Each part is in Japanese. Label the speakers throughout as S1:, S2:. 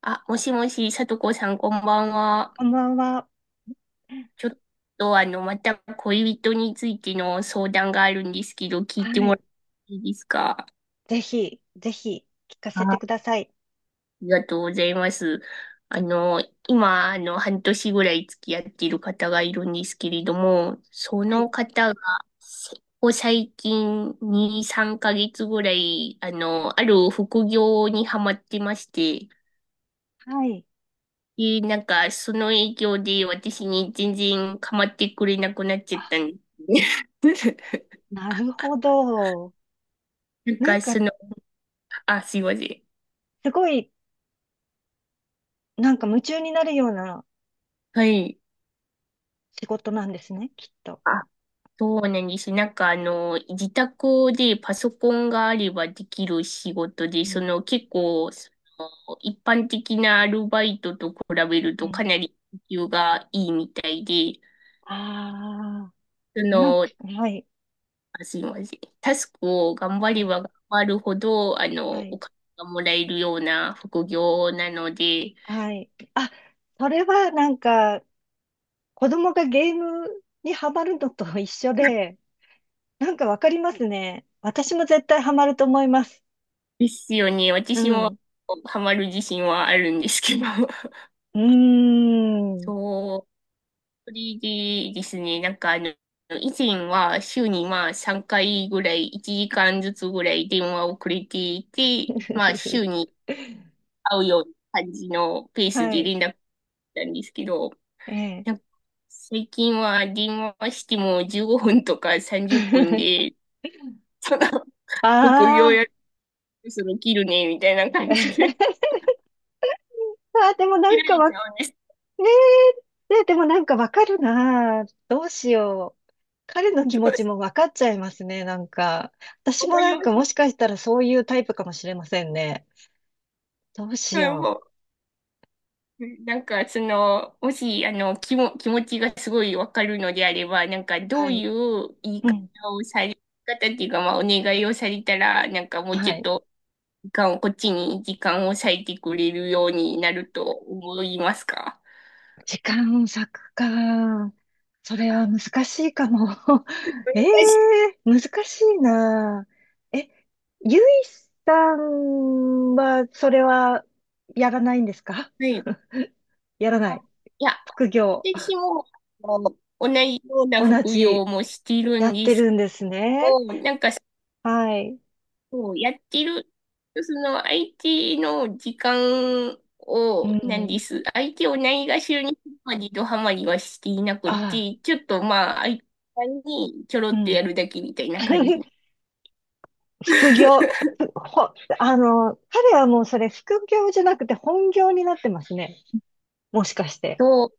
S1: もしもし、さとこさん、こんばんは。
S2: こんばんは。
S1: ちょっと、また恋人についての相談があるんですけど、聞い
S2: は
S1: ても
S2: い。
S1: らっていいですか？
S2: ぜひ、ぜひ、聞かせて
S1: あ
S2: ください。
S1: りがとうございます。あの、今、あの、半年ぐらい付き合っている方がいるんですけれども、そ
S2: はい。
S1: の方が、せここ最近2、3ヶ月ぐらい、ある副業にハマってまして、
S2: はい。
S1: その影響で私に全然構ってくれなくなっちゃ
S2: あ、
S1: ったんですね。
S2: なるほど。
S1: なん
S2: なん
S1: か、そ
S2: か、
S1: の、あ、すいません。
S2: すごい、なんか夢中になるような
S1: はい。
S2: 仕事なんですね、きっと。
S1: あ、そうなんです。自宅でパソコンがあればできる仕事で、
S2: う
S1: そ
S2: ん。
S1: の、結構、その一般的なアルバイトと比べる
S2: う
S1: とか
S2: ん。
S1: なり時給がいいみたいで、
S2: あ
S1: そ
S2: あ、
S1: の、
S2: はい。
S1: すいません。タスクを頑張
S2: は
S1: れ
S2: い。
S1: ば頑張るほど、
S2: は
S1: お
S2: い。
S1: 金がもらえるような副業なので、
S2: はい。あ、それはなんか、子供がゲームにハマるのと一緒で、なんかわかりますね。私も絶対ハマると思います。
S1: ですよね。
S2: う
S1: 私も
S2: ん。
S1: ハマる自信はあるんですけど。
S2: うーん。
S1: そう。それでですね、以前は週にまあ3回ぐらい、1時間ずつぐらい電話をくれていて、まあ週に 会うような感じのペース
S2: は
S1: で
S2: い。
S1: 連絡したんですけど、
S2: ええ。
S1: なんか最近は電話しても15分とか30分 で、その副
S2: あ
S1: 業
S2: あ。
S1: やるそろ切るね、みたいな 感じで
S2: あー、でも な
S1: 切ら
S2: んか
S1: れち
S2: ね
S1: ゃうんです。
S2: え、ねえでもなんかわかるなあ。どうしよう。彼の
S1: ど
S2: 気持
S1: う
S2: ちもわかっちゃいますね、なんか。私
S1: 思
S2: も
S1: い
S2: な
S1: ま
S2: んかも
S1: す？
S2: しかしたらそういうタイプかもしれませんね。どうし
S1: はい
S2: よう。
S1: もう、なんかその、もし、あの、気も、気持ちがすごいわかるのであれば、なんかど
S2: は
S1: うい
S2: い。
S1: う言い
S2: う
S1: 方
S2: ん。
S1: をされ、言い方っていうか、まあ、お願いをされたら、なんかもう
S2: は
S1: ちょっ
S2: い。
S1: と、時間を、こっちに時間を割いてくれるようになると思いますか？
S2: 時間割くか。それは難しいかも。え
S1: はい。
S2: え難しいな。え、ゆいさんは、それは、やらないんですか？
S1: はい
S2: やらな
S1: あ
S2: い。
S1: いや
S2: 副業。
S1: 私も、あの同じような
S2: 同
S1: 服用
S2: じ、
S1: もしている
S2: や
S1: ん
S2: っ
S1: で
S2: て
S1: すけ
S2: るんですね。
S1: ど、なんか、
S2: はい。
S1: そうやってる、その IT の時間
S2: う
S1: を、なんで
S2: ん。
S1: す。IT をないがしろにするまでドハマりはしていな
S2: あ
S1: く
S2: あ、
S1: て、ちょっとまあ、IT にちょろ
S2: う
S1: っと
S2: ん。
S1: やるだけみたいな感じ
S2: 副業。ふほ、あの、彼はもうそれ副業じゃなくて本業になってますね。もしかして。
S1: と、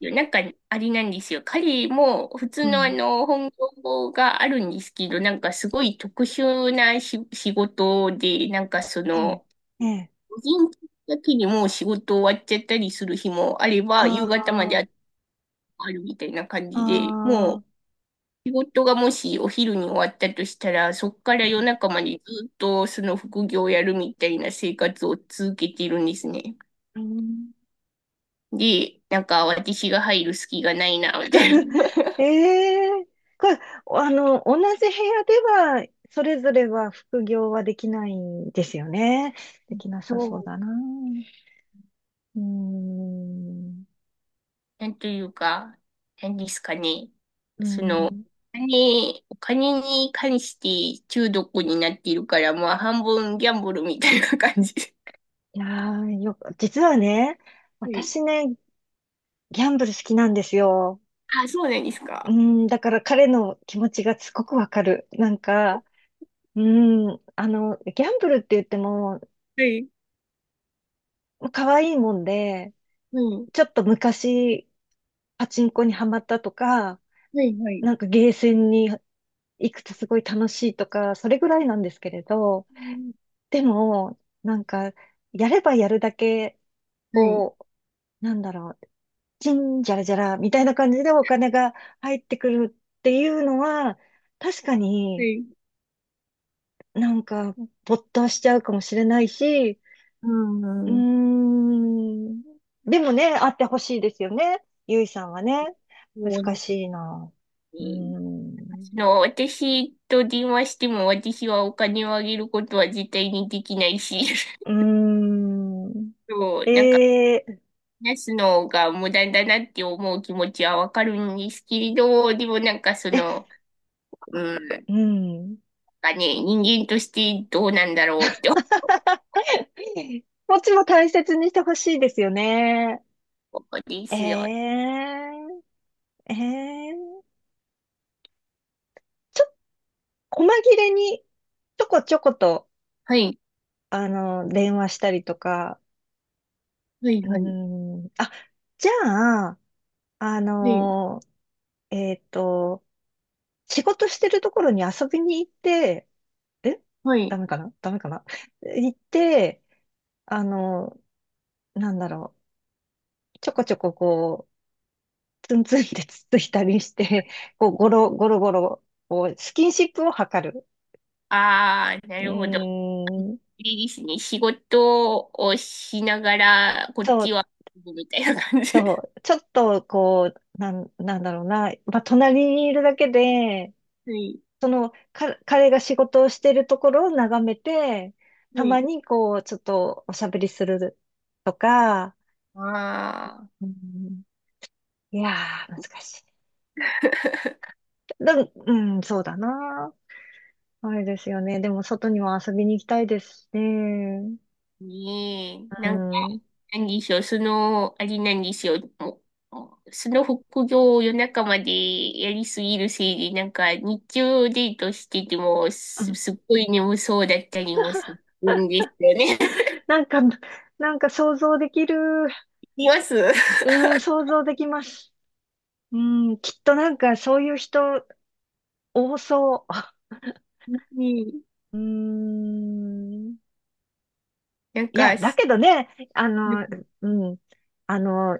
S1: なんか、あれなんですよ。彼も普通
S2: う
S1: のあ
S2: ん。
S1: の、本業があるんですけど、なんかすごい特殊なし仕事で、なんかそ
S2: ええ、
S1: の、
S2: ええ、
S1: 個人的だけでもう仕事終わっちゃったりする日もあれば、
S2: あ
S1: 夕方まで
S2: あ、
S1: あるみたいな感じで、も
S2: あ
S1: う
S2: あ、
S1: 仕事がもしお昼に終わったとしたら、そこから
S2: う
S1: 夜
S2: ん、
S1: 中までずっとその副業をやるみたいな生活を続けているんですね。
S2: うん
S1: で、なんか私が入る隙がないな、みたい な。
S2: え え、これ、あの、同じ部屋では、それぞれは副業はできないんですよね。できな
S1: そ
S2: さそう
S1: う、
S2: だな。うーん、
S1: なんというか、何ですかね。
S2: うー
S1: その、お
S2: ん。
S1: 金、お金に関して中毒になっているから、まあ半分ギャンブルみたいな感じ。
S2: いやー、よく、実はね、
S1: はい。
S2: 私ね、ギャンブル好きなんですよ。
S1: あ、そうなんです
S2: う
S1: か？
S2: ーん、だから彼の気持ちがすごくわかる。なんか、うーん、あの、ギャンブルって言っても、
S1: はい。
S2: 可愛いもんで、
S1: はい。
S2: ちょっと昔、パチンコにハマったとか、
S1: はい。はい。
S2: なんかゲーセンに行くとすごい楽しいとか、それぐらいなんですけれど、
S1: うん
S2: でも、なんか、やればやるだけ、
S1: はい。
S2: こう、なんだろう、チンジャラジャラみたいな感じでお金が入ってくるっていうのは、確か
S1: は
S2: に
S1: い。
S2: なんか、没頭しちゃうかもしれないし、
S1: う
S2: うー
S1: ん。
S2: ん。でもね、あってほしいですよね。ゆいさんはね。
S1: そうな
S2: 難
S1: んです
S2: しいな。うー
S1: ね。
S2: ん。
S1: あの、私と電話しても私はお金をあげることは絶対にできないし、
S2: うー
S1: そう、なんか
S2: ん。ええ
S1: 話すのが無駄だなって思う気持ちはわかるんですけれど、でもなんかそ
S2: え、
S1: の、うん、なん
S2: うん。
S1: かね、人間としてどうなんだろうって
S2: こっちも大切にしてほしいですよね。
S1: 思うんで
S2: え
S1: すよ。
S2: えええちょ、細切れに、ちょこちょこと、
S1: はい。
S2: あの、電話したりとか。
S1: はい。
S2: う
S1: はい。
S2: ーん。あ、じゃあ、あ
S1: はい。
S2: の、えっと、仕事してるところに遊びに行って、え
S1: は
S2: ダ
S1: い。
S2: メかなダメかな 行って、あの、なんだろう、ちょこちょここう、ツンツンってつっついたりして、こう、ゴロゴロゴロ、こう、スキンシップを図る。
S1: ああ、な
S2: う
S1: るほど。
S2: ーん、
S1: いいですね。仕事をしながら、こっ
S2: そ
S1: ち
S2: う、
S1: は、みたいな感じ。
S2: そう、ちょっとこう、なんだろうな、まあ、隣にいるだけで、
S1: はい。
S2: その、彼が仕事をしてるところを眺めて、
S1: は
S2: たま
S1: い。
S2: にこう、ちょっとおしゃべりするとか、
S1: ああ、
S2: うん、いやー、難しい。だうん、そうだな。あれですよね。でも、外にも遊びに行きたいですしね。
S1: ねえ。
S2: う
S1: なんか、
S2: ん。
S1: 何でしょう。その、あれなんですよ。もうその副業を夜中までやりすぎるせいで、なんか、日中デートしてても、
S2: う
S1: す、
S2: ん、
S1: すっごい眠そうだったりもするんですよね。
S2: なんか、なんか想像できる。
S1: います。
S2: うん、想像できます。うん、きっとなんかそういう人多そ
S1: うん。
S2: う。うん。
S1: なん
S2: いや、
S1: か、
S2: だ
S1: す
S2: けどね、あ
S1: う
S2: の、
S1: ん
S2: うん、あの、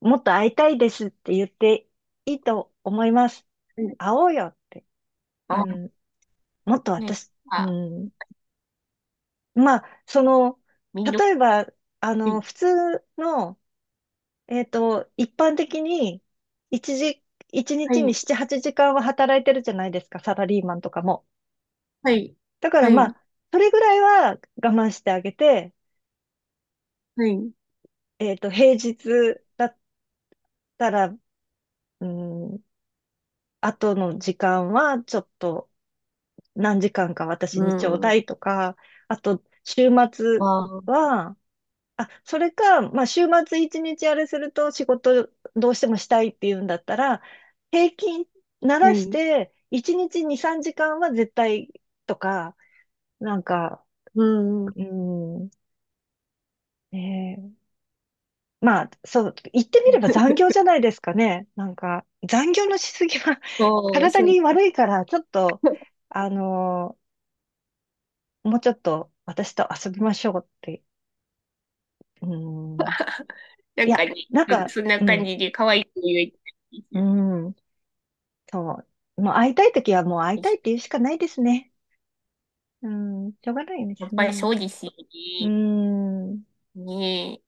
S2: もっと会いたいですって言っていいと思います。会おうよって。う
S1: あ、
S2: ん。もっと
S1: ね、
S2: 私、う
S1: あ、
S2: ん。まあ、その、
S1: めんどく
S2: 例えば、あ
S1: さ
S2: の、
S1: い。
S2: 普通の、えっと、一般的に、一時、一
S1: は
S2: 日に
S1: い。
S2: 7、8時間は働いてるじゃないですか、サラリーマンとかも。
S1: はい。
S2: だから
S1: は
S2: ま
S1: い。
S2: あ、それぐらいは我慢してあげて、
S1: はい。
S2: えっと、平日だったら、うん、後の時間はちょっと何時間か私
S1: う
S2: にちょう
S1: ん。
S2: だ
S1: あ
S2: いとか、あと、週末
S1: あ、は
S2: は、あ、それか、まあ、週末一日あれすると仕事どうしてもしたいっていうんだったら、平均ならし
S1: い。
S2: て、一日2、3時間は絶対とか、なんか、
S1: うんん。
S2: うん、ねえ、まあ、そう、言ってみれば残業じゃ ないですかね。なんか、残業のしすぎは
S1: そう、
S2: 体
S1: そう。
S2: に悪いから、ちょっと、あの、もうちょっと私と遊びましょうって。うん、
S1: な
S2: い
S1: んか
S2: や、
S1: ね、
S2: なんか、
S1: そそんな
S2: う
S1: 感
S2: ん、
S1: じで可愛い子言えたんす
S2: う
S1: る
S2: ん。そう。もう会いたいときはもう会いたいって言うしかないですね。うん、しょうがないで
S1: や
S2: す
S1: っぱり
S2: ね。
S1: そうですよ
S2: う
S1: ね。
S2: ん、の
S1: ね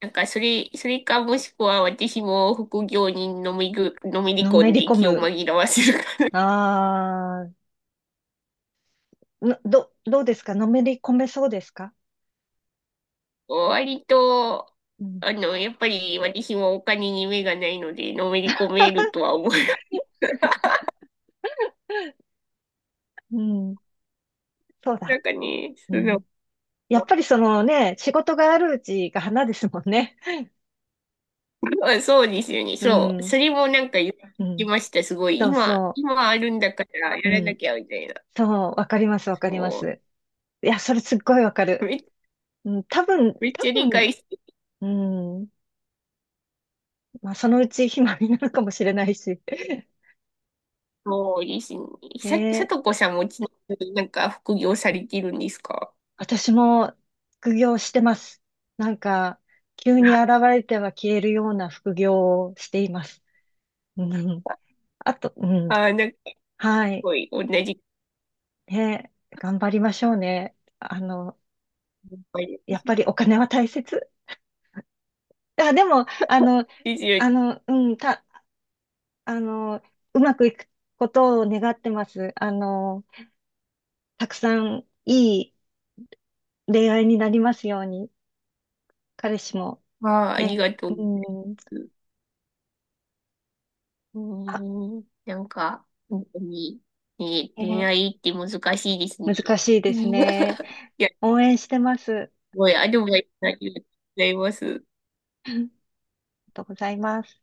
S1: え。なんかそれ、それかもしくは私も副業にのめぐ、のめり
S2: め
S1: 込ん
S2: り
S1: で
S2: 込
S1: 気を
S2: む。
S1: 紛らわせるかな。
S2: ああ、どうですか、のめり込めそうですか？
S1: 割と、
S2: うん、
S1: あの、やっぱり私もお金に目がないので、のめり込めるとは思う。
S2: うん、そう
S1: な
S2: だ。
S1: んかね、
S2: う
S1: そ
S2: ん。
S1: の、
S2: やっぱりそのね、仕事があるうちが花ですもんね。
S1: まあそうですよね。
S2: う
S1: そう。
S2: ん、
S1: それもなんか言っ
S2: う
S1: て
S2: ん。
S1: ました。すごい。
S2: そう
S1: 今、
S2: そ
S1: 今あるんだからや
S2: う。
S1: ら
S2: う
S1: な
S2: ん。
S1: きゃみたいな。
S2: そう、わかります、わか
S1: そ
S2: ります。いや、それすっごいわか
S1: う。
S2: る。
S1: め、
S2: うん、多分、
S1: めっ
S2: 多
S1: ちゃ理
S2: 分、
S1: 解して、
S2: うん。まあ、そのうち暇になるかもしれないし。
S1: そうですね。
S2: ね
S1: さ、さ
S2: え、
S1: とこさんもちなみになんか副業されてるんですか？
S2: 私も副業してます。なんか、急に
S1: あ
S2: 現れては消えるような副業をしています。うん。あと、うん。
S1: あー、なんかす
S2: はい。
S1: ごい同じ
S2: ねえ、頑張りましょうね。あの、
S1: 考えで
S2: やっ
S1: す。
S2: ぱりお金は大切。あ、でも、あの、
S1: ですよね。
S2: あの、うん、あの、うまくいくことを願ってます。あの、たくさんいい恋愛になりますように、彼氏も。
S1: ああ、あり
S2: ね、
S1: がとう
S2: う
S1: ござい
S2: ん。
S1: ます。う
S2: あ、
S1: ーん。なんか、本当に、ね、
S2: え
S1: 恋
S2: ー
S1: 愛って難しいですね。
S2: 難しいですね。
S1: いや、す
S2: 応援してます。
S1: ごいアドバイスありがとうございます。
S2: ありがとうございます。